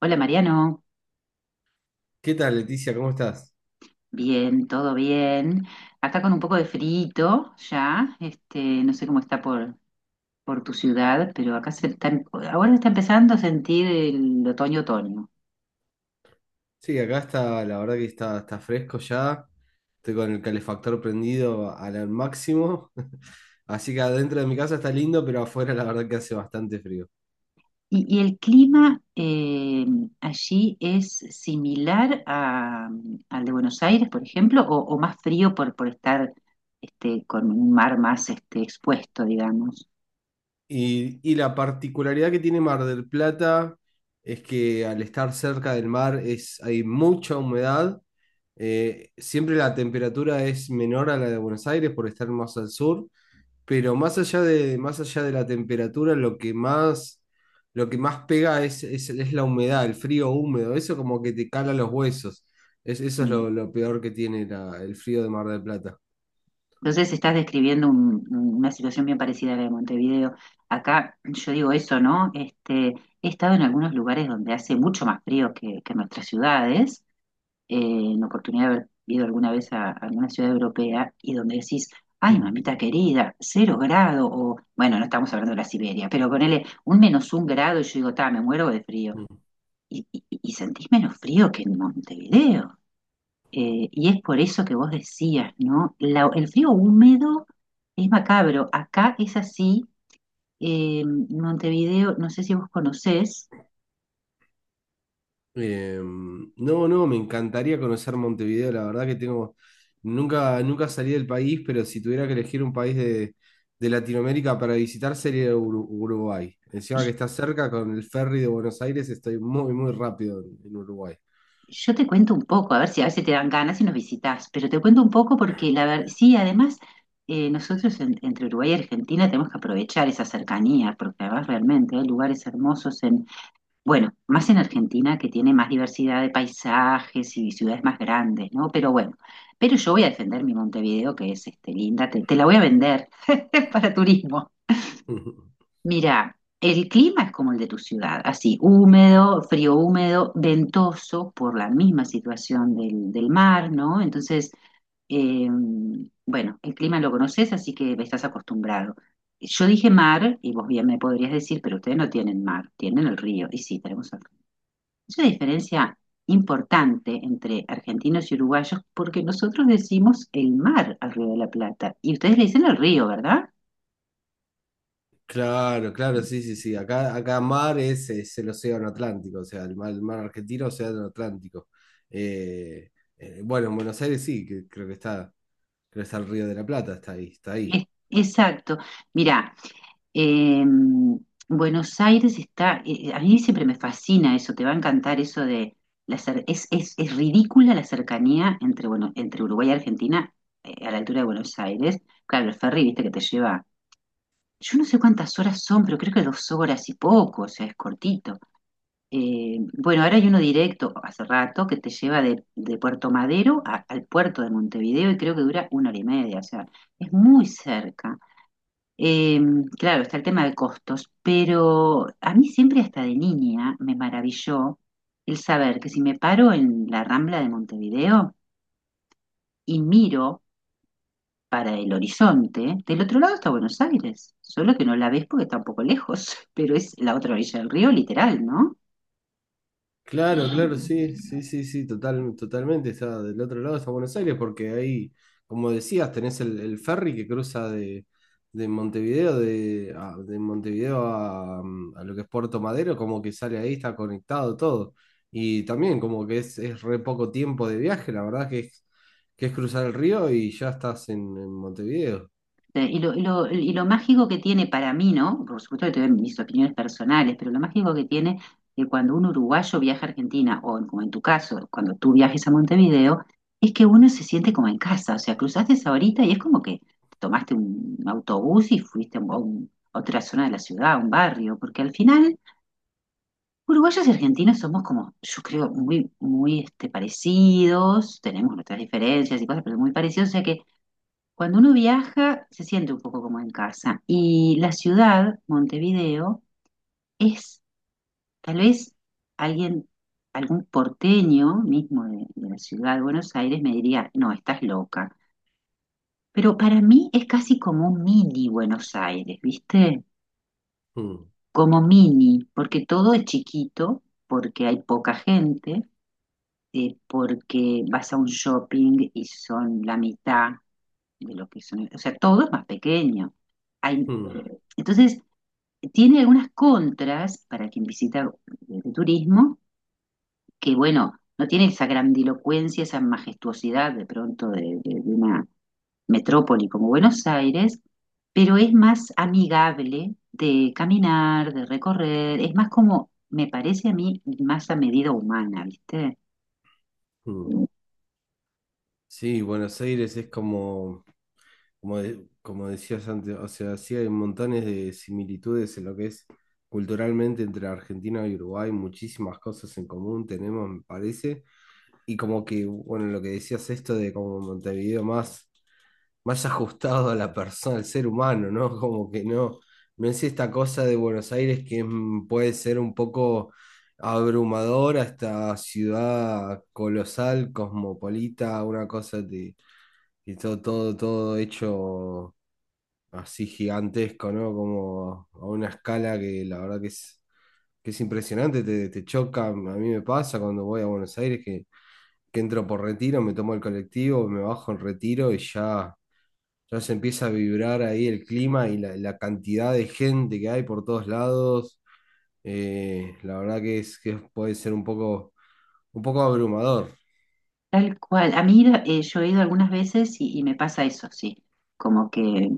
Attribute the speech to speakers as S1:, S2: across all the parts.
S1: Hola Mariano,
S2: ¿Qué tal, Leticia? ¿Cómo estás?
S1: bien, todo bien. Acá con un poco de frito ya, no sé cómo está por tu ciudad, pero acá se está, ahora está empezando a sentir el otoño-otoño.
S2: Sí, acá está, la verdad que está, está fresco ya. Estoy con el calefactor prendido al máximo. Así que adentro de mi casa está lindo, pero afuera la verdad que hace bastante frío.
S1: Y el clima allí es similar a- al de Buenos Aires, por ejemplo, o más frío por estar este, con un mar más este, expuesto, digamos.
S2: Y la particularidad que tiene Mar del Plata es que al estar cerca del mar hay mucha humedad. Siempre la temperatura es menor a la de Buenos Aires por estar más al sur. Pero más allá de la temperatura, lo que más pega es la humedad, el frío húmedo, eso como que te cala los huesos. Eso es
S1: Mm.
S2: lo peor que tiene el frío de Mar del Plata.
S1: Entonces estás describiendo una situación bien parecida a la de Montevideo. Acá yo digo eso, ¿no? Este, he estado en algunos lugares donde hace mucho más frío que nuestras ciudades, eh, en oportunidad de haber ido alguna vez a alguna ciudad europea y donde decís, ay,
S2: Mm,
S1: mamita querida, cero grado, o bueno, no estamos hablando de la Siberia, pero ponele un menos un grado y yo digo, ta, me muero de frío.
S2: mm.
S1: Y sentís menos frío que en Montevideo. Y es por eso que vos decías, ¿no? El frío húmedo es macabro. Acá es así. eh, Montevideo, no sé si vos conocés.
S2: No, no, me encantaría conocer Montevideo, la verdad que tengo, nunca salí del país, pero si tuviera que elegir un país de Latinoamérica para visitar sería Uruguay.
S1: Yo,
S2: Encima que está cerca con el ferry de Buenos Aires, estoy muy, muy rápido en Uruguay.
S1: yo te cuento un poco, a ver si a veces te dan ganas y nos visitás, pero te cuento un poco porque la verdad, sí, además, nosotros entre Uruguay y Argentina tenemos que aprovechar esa cercanía, porque además realmente hay lugares hermosos. Bueno, más en Argentina, que tiene más diversidad de paisajes y ciudades más grandes, ¿no? Pero yo voy a defender mi Montevideo, que es este, linda, te la voy a vender para turismo. Mira, el clima es como el de tu ciudad, así, húmedo, frío húmedo, ventoso por la misma situación del mar, ¿no? Entonces, eh, bueno, el clima lo conoces, así que estás acostumbrado. Yo dije mar, y vos bien me podrías decir, pero ustedes no tienen mar, tienen el río, y sí, tenemos el río. Es una diferencia importante entre argentinos y uruguayos porque nosotros decimos el mar al Río de la Plata y ustedes le dicen el río, ¿verdad?
S2: Claro, claro, sí, sí, sí. Acá mar es el océano Atlántico, o sea, el mar argentino, océano Atlántico. Eh, bueno, en Buenos Aires sí, que creo que está el Río de la Plata, está ahí, está ahí.
S1: Exacto. Mira, eh, Buenos Aires está, a mí siempre me fascina eso, te va a encantar eso de, la cer- es ridícula la cercanía entre, bueno, entre Uruguay y Argentina, a la altura de Buenos Aires. Claro, el ferry, viste, que te lleva, yo no sé cuántas horas son, pero creo que dos horas y poco, o sea, es cortito. Bueno, ahora hay uno directo hace rato que te lleva de Puerto Madero al puerto de Montevideo, y creo que dura una hora y media, o sea, es muy cerca. Eh, claro, está el tema de costos, pero a mí siempre, hasta de niña, me maravilló el saber que si me paro en la Rambla de Montevideo y miro para el horizonte, del otro lado está Buenos Aires, solo que no la ves porque está un poco lejos, pero es la otra orilla del río, literal, ¿no?
S2: Claro, claro, sí, sí, sí, sí, total, totalmente. Está del otro lado, está Buenos Aires, porque ahí, como decías, tenés el ferry que cruza de Montevideo, de, de Montevideo a, mm, a lo que es Puerto Madero, como que sale ahí, está conectado todo. Y también como que es re poco tiempo de viaje, la verdad que es cruzar el río y ya estás en Montevideo.
S1: Y lo mágico que tiene para mí, ¿no? Por supuesto que tengo mis opiniones personales, pero lo mágico que tiene, que cuando un uruguayo viaja a Argentina, como en tu caso, cuando tú viajes a Montevideo, es que uno se siente como en casa, o sea, cruzaste esa horita y es como que te tomaste un autobús y fuiste a otra zona de la ciudad, a un barrio, porque al final uruguayos y argentinos somos como, yo creo, muy este, parecidos, tenemos nuestras diferencias y cosas, pero muy parecidos, o sea que cuando uno viaja se siente un poco como en casa. Y la ciudad, Montevideo, es tal vez, alguien, algún porteño mismo de la ciudad de Buenos Aires me diría, no, estás loca. Pero para mí es casi como un mini Buenos Aires, ¿viste?
S2: Mm,
S1: Como mini, porque todo es chiquito, porque hay poca gente, porque vas a un shopping y son la mitad de lo que son, o sea, todo es más pequeño. Hay-
S2: mm,
S1: entonces, tiene algunas contras para quien visita de turismo, que bueno, no tiene esa grandilocuencia, esa majestuosidad de pronto de una metrópoli como Buenos Aires, pero es más amigable de caminar, de recorrer, es más como, me parece a mí, más a medida humana, ¿viste?
S2: mm. Sí, Buenos Aires es como... Como, como decías antes, o sea, sí hay montones de similitudes en lo que es culturalmente entre Argentina y Uruguay, muchísimas cosas en común tenemos, me parece. Y como que, bueno, lo que decías esto de como más ajustado a la persona, al ser humano, ¿no? Como que no, no es esta cosa de Buenos Aires que puede ser un poco abrumadora, esta ciudad colosal, cosmopolita, una cosa de, que todo hecho así gigantesco, ¿no? Como a una escala que la verdad que es impresionante, te choca. A mí me pasa cuando voy a Buenos Aires que entro por retiro, me tomo el colectivo, me bajo en retiro y ya se empieza a vibrar ahí el clima y la cantidad de gente que hay por todos lados. La verdad que, que puede ser un poco abrumador.
S1: Tal cual. A mí yo he ido algunas veces y me pasa eso, sí. Como que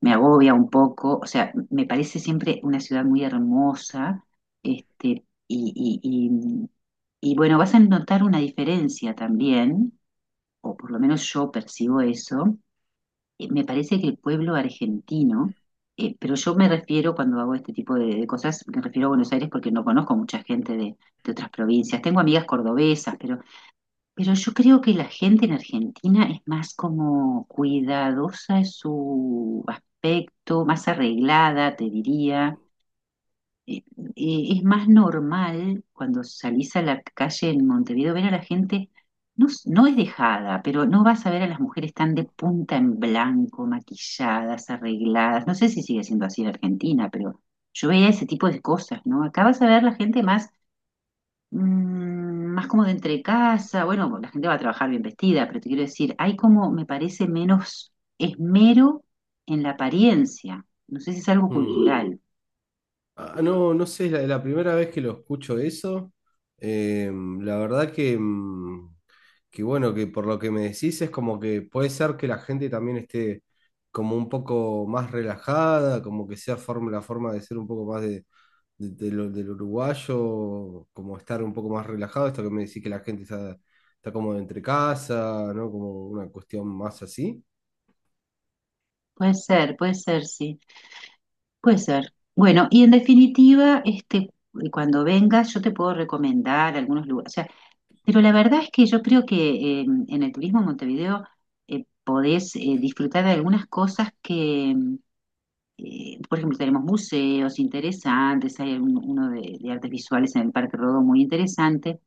S1: me agobia un poco. O sea, me parece siempre una ciudad muy hermosa. Este, y, y, y bueno, vas a notar una diferencia también, o por lo menos yo percibo eso. Me parece que el pueblo argentino, pero yo me refiero, cuando hago este tipo de cosas, me refiero a Buenos Aires porque no conozco mucha gente de otras provincias. Tengo amigas cordobesas, pero yo creo que la gente en Argentina es más como cuidadosa en su aspecto, más arreglada, te diría. Eh, es más normal cuando salís a la calle en Montevideo ver a la gente, no, no es dejada, pero no vas a ver a las mujeres tan de punta en blanco, maquilladas, arregladas. No sé si sigue siendo así en Argentina, pero yo veía ese tipo de cosas, ¿no? Acá vas a ver la gente más más como de entre casa, bueno, pues, la gente va a trabajar bien vestida, pero te quiero decir, hay como, me parece, menos esmero en la apariencia. No sé si es algo
S2: Mm.
S1: cultural.
S2: Ah, no, no sé, es la primera vez que lo escucho eso. Eh, la verdad que que bueno, que por lo que me decís es como que puede ser que la gente también esté como un poco más relajada, como que la forma de ser un poco más de, del uruguayo, como estar un poco más relajado, esto que me decís que está como entre casa, ¿no? Como una cuestión más así.
S1: Puede ser, sí, puede ser. Bueno, y en definitiva, este, cuando vengas, yo te puedo recomendar algunos lugares. O sea, pero la verdad es que yo creo que en el turismo en Montevideo, podés disfrutar de algunas cosas que por ejemplo, tenemos museos interesantes, hay uno de artes visuales en el Parque Rodó muy interesante,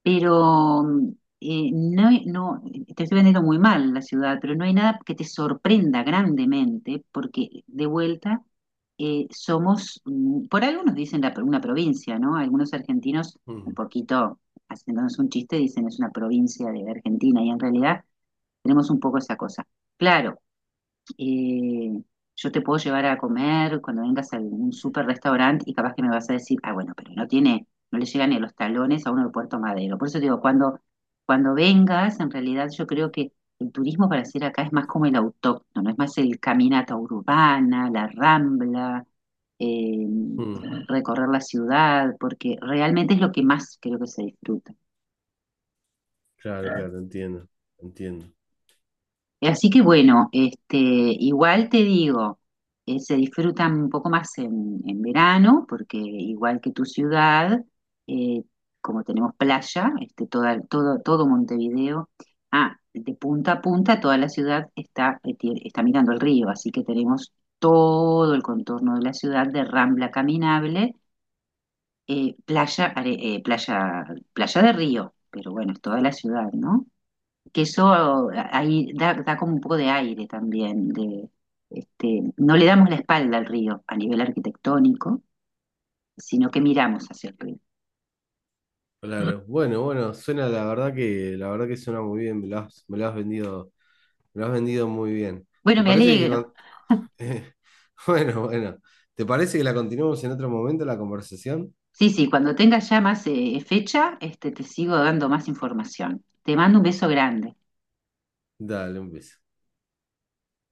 S1: pero no, no, te estoy vendiendo muy mal la ciudad, pero no hay nada que te sorprenda grandemente, porque de vuelta, somos, por algunos dicen una provincia, ¿no? Algunos argentinos, un
S2: Mm,
S1: poquito haciéndonos un chiste, dicen es una provincia de Argentina, y en realidad tenemos un poco esa cosa. Claro, eh, yo te puedo llevar a comer cuando vengas a algún super restaurante y capaz que me vas a decir, ah, bueno, pero no tiene, no le llegan ni a los talones a uno de Puerto Madero. Por eso te digo, cuando vengas, en realidad yo creo que el turismo para hacer acá es más como el autóctono, es más el caminata urbana, la rambla, eh,
S2: mm,
S1: recorrer la ciudad, porque realmente es lo que más creo que se disfruta.
S2: claro, claro, entiendo, entiendo.
S1: Así que bueno, este, igual te digo, se disfrutan un poco más en verano, porque igual que tu ciudad, eh, como tenemos playa, este, todo Montevideo, ah, de punta a punta, toda la ciudad está, está mirando el río, así que tenemos todo el contorno de la ciudad de rambla caminable, eh, playa, are- eh, playa, playa de río, pero bueno, es toda la ciudad, ¿no? Que eso, ahí da, da como un poco de aire también, de, este, no le damos la espalda al río a nivel arquitectónico, sino que miramos hacia el río.
S2: Claro, bueno, bueno, suena la verdad que suena muy bien, me lo has vendido, me lo has vendido muy bien.
S1: Bueno,
S2: ¿Te
S1: me
S2: parece que
S1: alegro.
S2: con- Eh, bueno, bueno. ¿Te parece que la continuemos en otro momento la conversación?
S1: Sí, sí, cuando tengas ya más fecha, este, te sigo dando más información. Te mando un beso grande.
S2: Dale, un beso.